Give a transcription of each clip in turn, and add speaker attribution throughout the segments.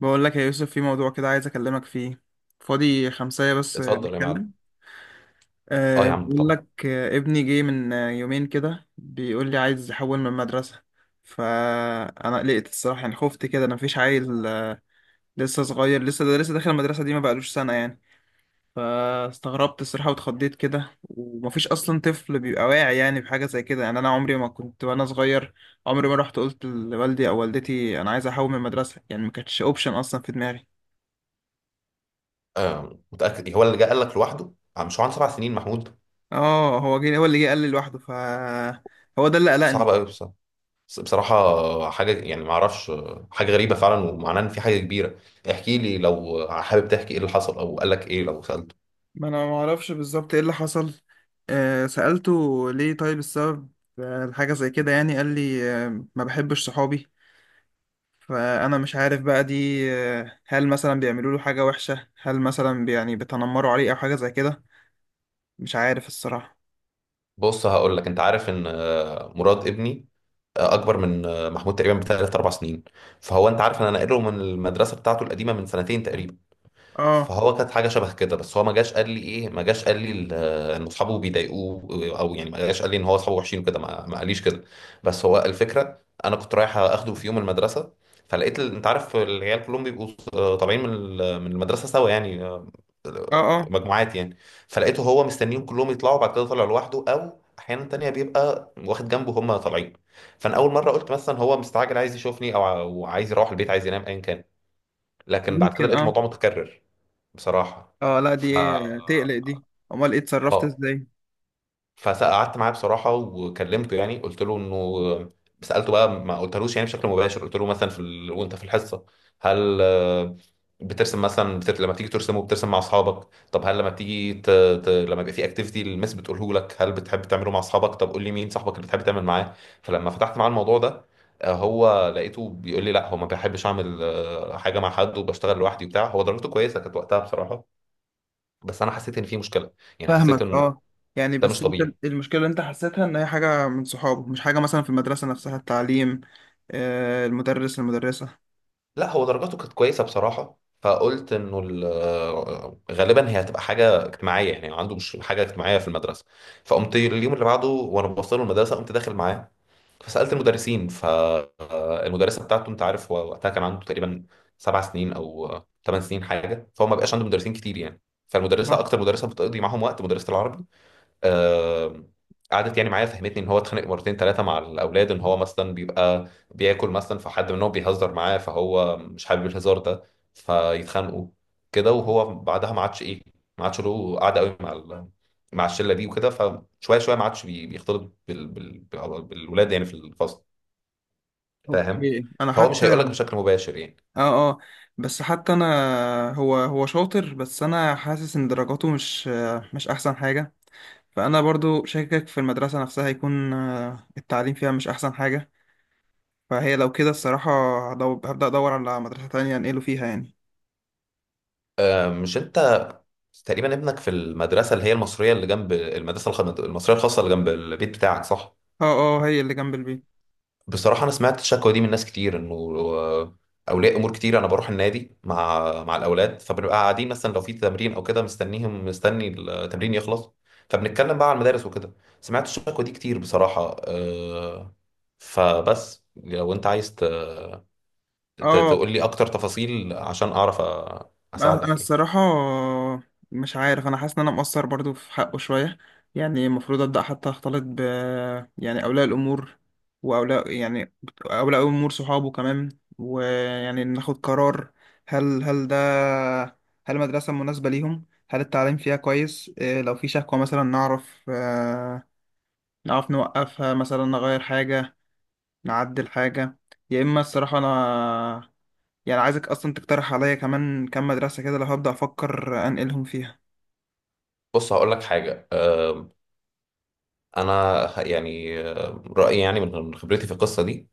Speaker 1: بقول لك يا يوسف، في موضوع كده عايز اكلمك فيه. فاضي خمسة بس،
Speaker 2: اتفضل يا معلم.
Speaker 1: نتكلم.
Speaker 2: اه يا عم
Speaker 1: بقول
Speaker 2: طبعا.
Speaker 1: لك، ابني جه من يومين كده، بيقول لي عايز يحول من مدرسة. فانا قلقت الصراحة، يعني خفت كده. انا مفيش عيل لسه صغير، لسه ده لسه داخل المدرسة دي، ما بقالوش سنة يعني. فاستغربت الصراحة واتخضيت كده، ومفيش اصلا طفل بيبقى واعي يعني بحاجة زي كده. يعني انا عمري ما كنت وانا صغير، عمري ما رحت قلت لوالدي او والدتي انا عايز احول من مدرسة. يعني ما كانتش اوبشن اصلا في دماغي.
Speaker 2: آه متاكد إيه؟ هو اللي جه قال لك لوحده، مش هو عنده 7 سنين محمود؟
Speaker 1: اه، هو اللي جه قال لي لوحده. هو ده اللي
Speaker 2: صعب
Speaker 1: قلقني.
Speaker 2: قوي بصراحه. بصراحه حاجه يعني ما اعرفش، حاجه غريبه فعلا ومعناه ان في حاجه كبيره. احكي لي لو حابب تحكي ايه اللي حصل او قال لك ايه لو سالته.
Speaker 1: ما انا ما اعرفش بالظبط ايه اللي حصل. سألته ليه طيب السبب، الحاجة زي كده، يعني قال لي ما بحبش صحابي. فانا مش عارف بقى دي، هل مثلا بيعملوا له حاجة وحشة، هل مثلا يعني بيتنمروا عليه او حاجة زي كده. مش عارف الصراحة.
Speaker 2: بص هقول لك، انت عارف ان مراد ابني اكبر من محمود تقريبا بثلاث اربع سنين. فهو انت عارف ان انا ناقله من المدرسه بتاعته القديمه من سنتين تقريبا.
Speaker 1: اه،
Speaker 2: فهو كانت حاجه شبه كده، بس هو ما جاش قال لي ايه، ما جاش قال لي ان اصحابه بيضايقوه، او يعني ما جاش قال لي ان هو اصحابه وحشين وكده ما قاليش كده. بس هو الفكره انا كنت رايح اخده في يوم المدرسه، فلقيت انت عارف العيال كلهم بيبقوا طالعين من المدرسه سوا يعني،
Speaker 1: اه، اه،
Speaker 2: مجموعات يعني. فلقيته هو مستنيهم كلهم يطلعوا بعد كده، طالع لوحده، او احيانا تانية بيبقى واخد جنبه هم طالعين. فانا اول مره قلت مثلا هو مستعجل عايز يشوفني، أو عايز يروح البيت، عايز ينام، ايا كان. لكن بعد كده
Speaker 1: ممكن،
Speaker 2: لقيت
Speaker 1: اه.
Speaker 2: الموضوع متكرر بصراحة.
Speaker 1: اه، لا
Speaker 2: ف
Speaker 1: دي تقلق دي. امال ايه، اتصرفت
Speaker 2: اه
Speaker 1: ازاي؟
Speaker 2: فقعدت معاه بصراحة وكلمته يعني، قلت له انه، سألته بقى ما قلتلوش يعني بشكل مباشر، قلت له مثلا وانت في الحصة هل بترسم مثلا، لما بتيجي ترسم وبترسم مع اصحابك؟ طب هل لما بتيجي لما يبقى في اكتيفيتي المس بتقوله لك هل بتحب تعمله مع اصحابك؟ طب قول لي مين صاحبك اللي بتحب تعمل معاه؟ فلما فتحت معاه الموضوع ده، هو لقيته بيقول لي لا هو ما بيحبش اعمل حاجه مع حد، وبشتغل لوحدي وبتاع. هو درجته كويسه كانت وقتها بصراحه، بس انا حسيت ان في مشكله، يعني حسيت
Speaker 1: فاهمك.
Speaker 2: انه
Speaker 1: اه، يعني
Speaker 2: ده مش
Speaker 1: بس انت،
Speaker 2: طبيعي.
Speaker 1: المشكله اللي انت حسيتها ان هي حاجه من صحابه، مش حاجه مثلا في المدرسه نفسها، التعليم، المدرسه،
Speaker 2: لا هو درجاته كانت كويسه بصراحه، فقلت انه غالبا هي هتبقى حاجه اجتماعيه يعني، عنده مش حاجه اجتماعيه في المدرسه. فقمت اليوم اللي بعده وانا بوصله المدرسه قمت داخل معاه، فسالت المدرسين فالمدرسه بتاعته. انت عارف هو وقتها كان عنده تقريبا 7 سنين او 8 سنين حاجه، فهو ما بقاش عنده مدرسين كتير يعني. فالمدرسه
Speaker 1: آه،
Speaker 2: اكتر مدرسه بتقضي معاهم وقت مدرسه العربي. آه، قعدت يعني معايا، فهمتني ان هو اتخانق مرتين ثلاثه مع الاولاد، ان هو مثلا بيبقى بياكل مثلا فحد منهم بيهزر معاه، فهو مش حابب الهزار ده فيتخانقوا كده. وهو بعدها ما عادش ايه، ما عادش له قعده قوي مع الشله دي وكده. فشويه شويه ما عادش بيختلط بالولاد يعني في الفصل، فاهم؟
Speaker 1: اوكي. انا
Speaker 2: فهو مش هيقول لك
Speaker 1: حتى،
Speaker 2: بشكل مباشر يعني.
Speaker 1: اه، اه، بس حتى انا هو شاطر، بس انا حاسس ان درجاته مش احسن حاجه. فانا برضو شاكك في المدرسه نفسها، يكون التعليم فيها مش احسن حاجه. فهي لو كده الصراحه، هبدا ادور على مدرسه تانية انقله فيها يعني.
Speaker 2: مش انت تقريبا ابنك في المدرسه اللي هي المصريه اللي جنب المدرسه المصريه الخاصه اللي جنب البيت بتاعك، صح؟
Speaker 1: اه، اه، هي اللي جنب البيت.
Speaker 2: بصراحة أنا سمعت الشكوى دي من ناس كتير، إنه آه، أولياء أمور كتير. أنا بروح النادي مع الأولاد فبنبقى قاعدين مثلا لو في تمرين أو كده، مستني التمرين يخلص، فبنتكلم بقى على المدارس وكده. سمعت الشكوى دي كتير بصراحة، آه، فبس لو أنت عايز
Speaker 1: اه،
Speaker 2: تقول لي أكتر تفاصيل عشان أعرف
Speaker 1: أنا
Speaker 2: أساعدك يعني.
Speaker 1: الصراحه، مش عارف. انا حاسس ان انا مقصر برضو في حقه شويه، يعني المفروض ابدا حتى اختلط يعني اولياء الامور، يعني اولياء الامور صحابه كمان، ويعني ناخد قرار، هل ده، هل المدرسه مناسبه ليهم، هل التعليم فيها كويس، إيه لو في شكوى مثلا نعرف نعرف نوقفها، مثلا نغير حاجه، نعدل حاجه، يا اما الصراحه انا، يعني عايزك اصلا تقترح عليا كمان كام مدرسة كده، لو هبدأ افكر انقلهم فيها.
Speaker 2: بص هقول لك حاجة، أنا يعني رأيي يعني من خبرتي في القصة دي،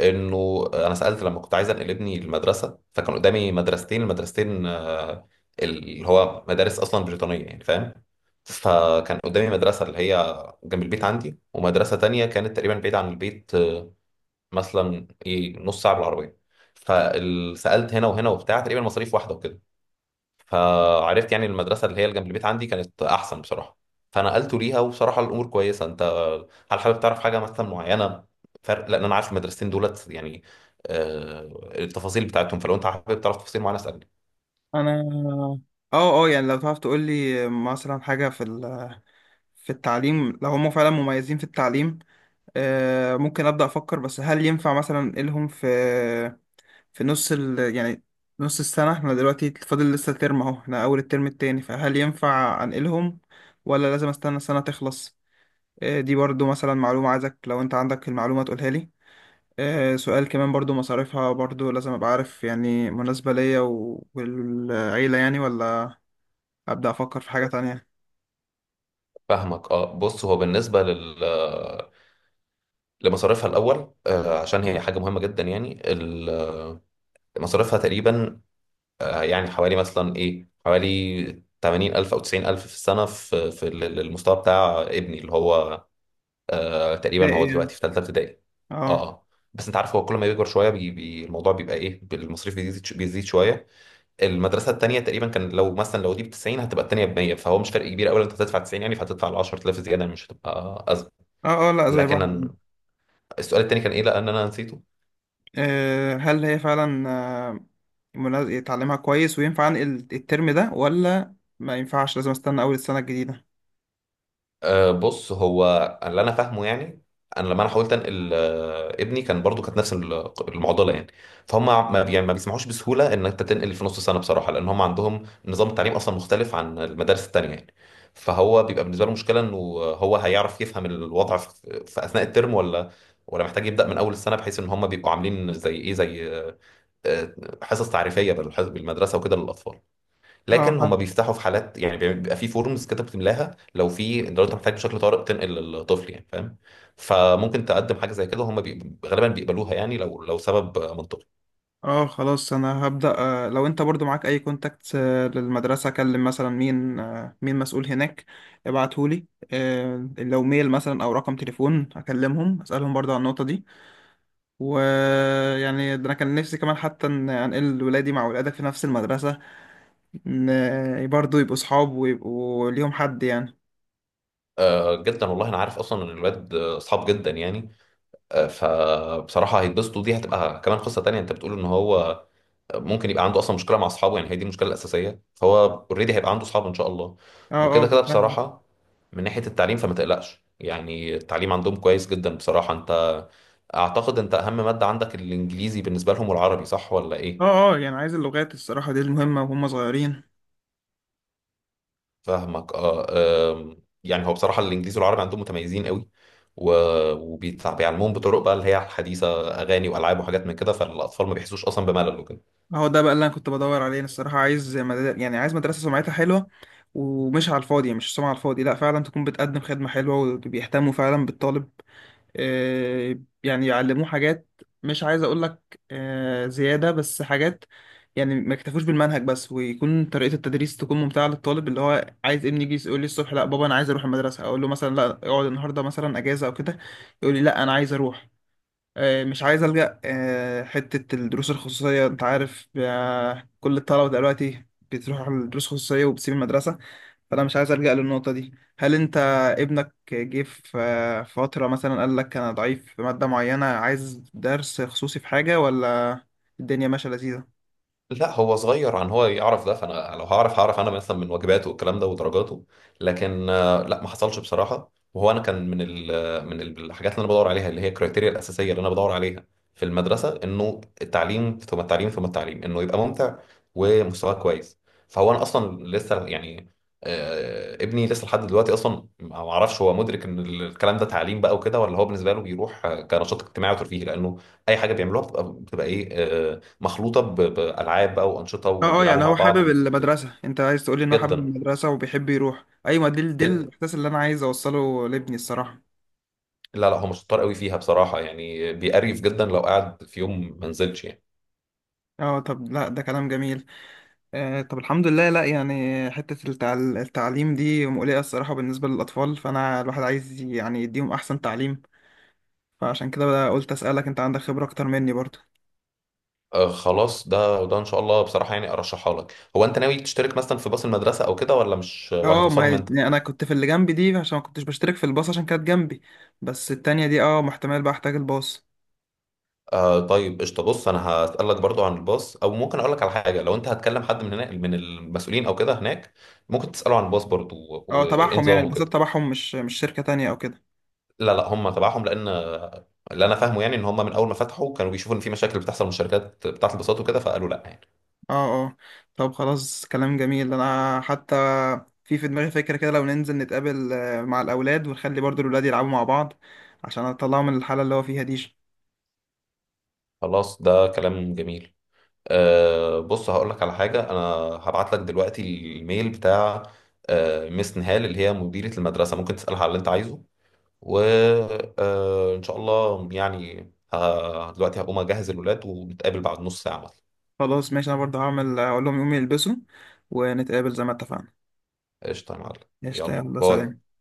Speaker 2: انه انا سالت لما كنت عايز انقل ابني المدرسه، فكان قدامي مدرستين. المدرستين آه، اللي هو مدارس اصلا بريطانيه يعني، فاهم؟ فكان قدامي مدرسه اللي هي جنب البيت عندي، ومدرسه تانية كانت تقريبا بعيد عن البيت، مثلا ايه نص ساعه بالعربيه. فسالت هنا وهنا وبتاع، تقريبا مصاريف واحده وكده. فعرفت يعني المدرسة اللي هي اللي جنب البيت عندي كانت أحسن بصراحة، فنقلته ليها، وبصراحة الأمور كويسة. أنت هل حابب تعرف حاجة مثلا معينة؟ فرق، لأن أنا عارف المدرستين دولت يعني، آه، التفاصيل بتاعتهم، فلو أنت حابب تعرف تفاصيل معينة اسألني.
Speaker 1: انا، اه، اه، يعني لو تعرف تقول لي مثلا حاجة في التعليم، لو هم فعلا مميزين في التعليم ممكن ابدأ افكر. بس هل ينفع مثلا انقلهم في يعني نص السنة؟ احنا دلوقتي فاضل لسه ترم اهو، احنا اول الترم التاني، فهل ينفع انقلهم ولا لازم استنى السنة تخلص؟ دي برضو مثلا معلومة عايزك لو انت عندك المعلومة تقولها لي. سؤال كمان برضو، مصاريفها برضو لازم ابقى عارف، يعني مناسبة ليا والعيلة يعني، ولا ابدا افكر في حاجة تانية.
Speaker 2: فاهمك. أه بص، هو بالنسبة لمصاريفها الأول، عشان هي حاجة مهمة جدا يعني. مصاريفها تقريبا، يعني حوالي مثلا إيه، حوالي 80,000 أو 90,000 في السنة، في المستوى بتاع ابني اللي هو
Speaker 1: ده
Speaker 2: تقريبا هو
Speaker 1: ايه
Speaker 2: دلوقتي
Speaker 1: يعني؟
Speaker 2: في ثالثه ابتدائي. اه
Speaker 1: اه،
Speaker 2: اه. بس انت عارف هو كل ما بيكبر شويه بي بي الموضوع بيبقى ايه، المصاريف بيزيد بيزيد شويه. المدرسه الثانيه تقريبا كان، لو مثلا دي ب 90، هتبقى الثانيه ب 100، فهو مش فرق كبير قوي، انت هتدفع 90 يعني، فهتدفع ال 10,000 زياده مش هتبقى ازمه.
Speaker 1: اه، اه، لا زي
Speaker 2: لكن
Speaker 1: بعض.
Speaker 2: السؤال الثاني كان ايه لان انا نسيته؟
Speaker 1: هل هي فعلا يتعلمها كويس، وينفع انقل الترم ده ولا ما ينفعش لازم استنى اول السنة الجديدة؟
Speaker 2: بص، هو اللي انا فاهمه يعني، انا لما حاولت انقل ابني، كان برضو كانت نفس المعضله يعني، فهم ما بي- يعني ما بيسمحوش بسهوله ان انت تنقل في نص سنه بصراحه، لان هم عندهم نظام التعليم اصلا مختلف عن المدارس التانيه يعني. فهو بيبقى بالنسبه له مشكله، انه هو هيعرف يفهم الوضع في اثناء الترم، ولا محتاج يبدا من اول السنه، بحيث ان هم بيبقوا عاملين زي ايه، زي آه، حصص تعريفيه بالمدرسه وكده للاطفال. لكن هم
Speaker 1: اه،
Speaker 2: بيفتحوا في حالات يعني، بيبقى في فورمز كده بتملاها، لو انت محتاج بشكل طارئ تنقل للطفل، يعني فاهم. فممكن تقدم حاجه زي كده هم غالبا بيقبلوها يعني، لو سبب منطقي.
Speaker 1: اه، خلاص انا هبدأ. لو انت برضو معاك اي كونتاكت للمدرسة، اكلم مثلا مين، مين مسؤول هناك، ابعتهولي. لو ميل مثلا او رقم تليفون اكلمهم اسألهم برضو عن النقطة دي. ويعني ده انا كان نفسي كمان حتى ان انقل ولادي مع ولادك في نفس المدرسة، ان برضو يبقوا صحاب ويبقوا ليهم حد يعني.
Speaker 2: جدا والله، انا عارف اصلا ان الولاد اصحاب جدا يعني. فبصراحه هيتبسطوا. دي هتبقى كمان قصه تانية، انت بتقول ان هو ممكن يبقى عنده اصلا مشكله مع اصحابه، يعني هي دي المشكله الاساسيه، فهو اوريدي هيبقى عنده اصحاب ان شاء الله.
Speaker 1: اه،
Speaker 2: وكده
Speaker 1: اه،
Speaker 2: كده
Speaker 1: فاهم.
Speaker 2: بصراحه، من ناحيه التعليم فما تقلقش يعني، التعليم عندهم كويس جدا بصراحه. انت اعتقد انت اهم مادة عندك الانجليزي بالنسبة لهم والعربي، صح ولا
Speaker 1: اه،
Speaker 2: ايه؟
Speaker 1: اه، يعني عايز اللغات الصراحة، دي المهمة وهم صغيرين.
Speaker 2: فاهمك. اه آم، يعني هو بصراحة الانجليزي والعربي عندهم متميزين قوي، وبيعلموهم بطرق بقى اللي هي الحديثة، اغاني والعاب وحاجات من كده، فالاطفال ما بيحسوش اصلا بملل وكده.
Speaker 1: هو ده بقى اللي انا كنت بدور عليه. انا الصراحه عايز يعني عايز مدرسه سمعتها حلوه، ومش على الفاضي، مش سمعه على الفاضي، لا فعلا تكون بتقدم خدمه حلوه وبيهتموا فعلا بالطالب. يعني يعلموه حاجات، مش عايز اقول لك زياده، بس حاجات يعني ما يكتفوش بالمنهج بس، ويكون طريقه التدريس تكون ممتعه للطالب. اللي هو عايز ابني يجي يقول لي الصبح لا بابا انا عايز اروح المدرسه، اقول له مثلا لا اقعد النهارده مثلا اجازه او كده، يقول لي لا انا عايز اروح. مش عايز ألجأ حتة الدروس الخصوصية. أنت عارف كل الطلبة دلوقتي بتروح على الدروس الخصوصية وبتسيب المدرسة. فأنا مش عايز ألجأ للنقطة دي. هل أنت ابنك جه في فترة مثلا قال لك أنا ضعيف في مادة معينة عايز درس خصوصي في حاجة، ولا الدنيا ماشية لذيذة؟
Speaker 2: لا هو صغير عن هو يعرف ده، فانا لو هعرف هعرف انا مثلا من واجباته والكلام ده ودرجاته. لكن لا ما حصلش بصراحه. وهو انا كان من الحاجات اللي انا بدور عليها، اللي هي الكريتيريا الاساسيه اللي انا بدور عليها في المدرسه، انه التعليم ثم التعليم ثم التعليم، انه يبقى ممتع ومستواه كويس. فهو انا اصلا لسه يعني، ابني لسه لحد دلوقتي اصلا ما اعرفش هو مدرك ان الكلام ده تعليم بقى وكده، ولا هو بالنسبه له بيروح كنشاط اجتماعي وترفيهي، لانه اي حاجه بيعملوها بتبقى بتبقى ايه آه، مخلوطه بالعاب بقى وانشطه،
Speaker 1: اه، اه،
Speaker 2: وبيلعبوا
Speaker 1: يعني
Speaker 2: مع
Speaker 1: هو
Speaker 2: بعض
Speaker 1: حابب
Speaker 2: وكده.
Speaker 1: المدرسة؟ انت عايز تقولي ان هو حابب
Speaker 2: جدا،
Speaker 1: المدرسة وبيحب يروح؟ ايوه، دي
Speaker 2: جدا.
Speaker 1: الاحساس اللي انا عايز اوصله لابني الصراحة.
Speaker 2: لا لا، هو مش شطار قوي فيها بصراحه يعني، بيقريف جدا لو قعد في يوم ما نزلش يعني.
Speaker 1: اه، طب لا ده كلام جميل. طب الحمد لله. لا يعني حتة التعليم دي مقلقة الصراحة بالنسبة للأطفال، فأنا الواحد عايز يعني يديهم أحسن تعليم، فعشان كده قلت أسألك، أنت عندك خبرة أكتر مني برضه.
Speaker 2: خلاص، ده ان شاء الله بصراحه، يعني ارشحها لك. هو انت ناوي تشترك مثلا في باص المدرسه او كده، ولا مش، ولا
Speaker 1: اه، ما هي-
Speaker 2: هتوصلهم انت؟
Speaker 1: يعني أنا كنت في اللي جنبي دي عشان ما كنتش بشترك في الباص، عشان كانت جنبي، بس التانية دي اه، محتمل بقى أحتاج الباص.
Speaker 2: طيب قشطه. بص انا هسالك برضو عن الباص، او ممكن اقول لك على حاجه، لو انت هتكلم حد من هناك من المسؤولين او كده هناك، ممكن تساله عن الباص برضو
Speaker 1: اه،
Speaker 2: وايه
Speaker 1: تبعهم يعني؟
Speaker 2: نظامه
Speaker 1: الباصات
Speaker 2: كده.
Speaker 1: تبعهم مش شركة تانية أو كده؟
Speaker 2: لا لا، هم تبعهم، لان اللي انا فاهمه يعني ان هم من اول ما فتحوا كانوا بيشوفوا ان في مشاكل بتحصل من الشركات بتاعه الباصات وكده، فقالوا لا يعني.
Speaker 1: اه، اه، طب خلاص كلام جميل. انا حتى في دماغي فكرة كده، لو ننزل نتقابل مع الاولاد، ونخلي برضو الاولاد يلعبوا مع بعض عشان اطلعهم من الحالة اللي هو فيها دي.
Speaker 2: خلاص ده كلام جميل. بص هقول لك على حاجه، انا هبعت لك دلوقتي الميل بتاع ميس نهال اللي هي مديره المدرسه، ممكن تسالها على اللي انت عايزه. وان شاء الله يعني دلوقتي هقوم اجهز الولاد ونتقابل بعد نص ساعه مثلا.
Speaker 1: خلاص ماشي، انا برضو هعمل اقول لهم يقوموا يلبسوا، ونتقابل زي ما اتفقنا.
Speaker 2: قشطه يا معلم.
Speaker 1: قشطة،
Speaker 2: يلا
Speaker 1: يلا
Speaker 2: باي.
Speaker 1: سلام.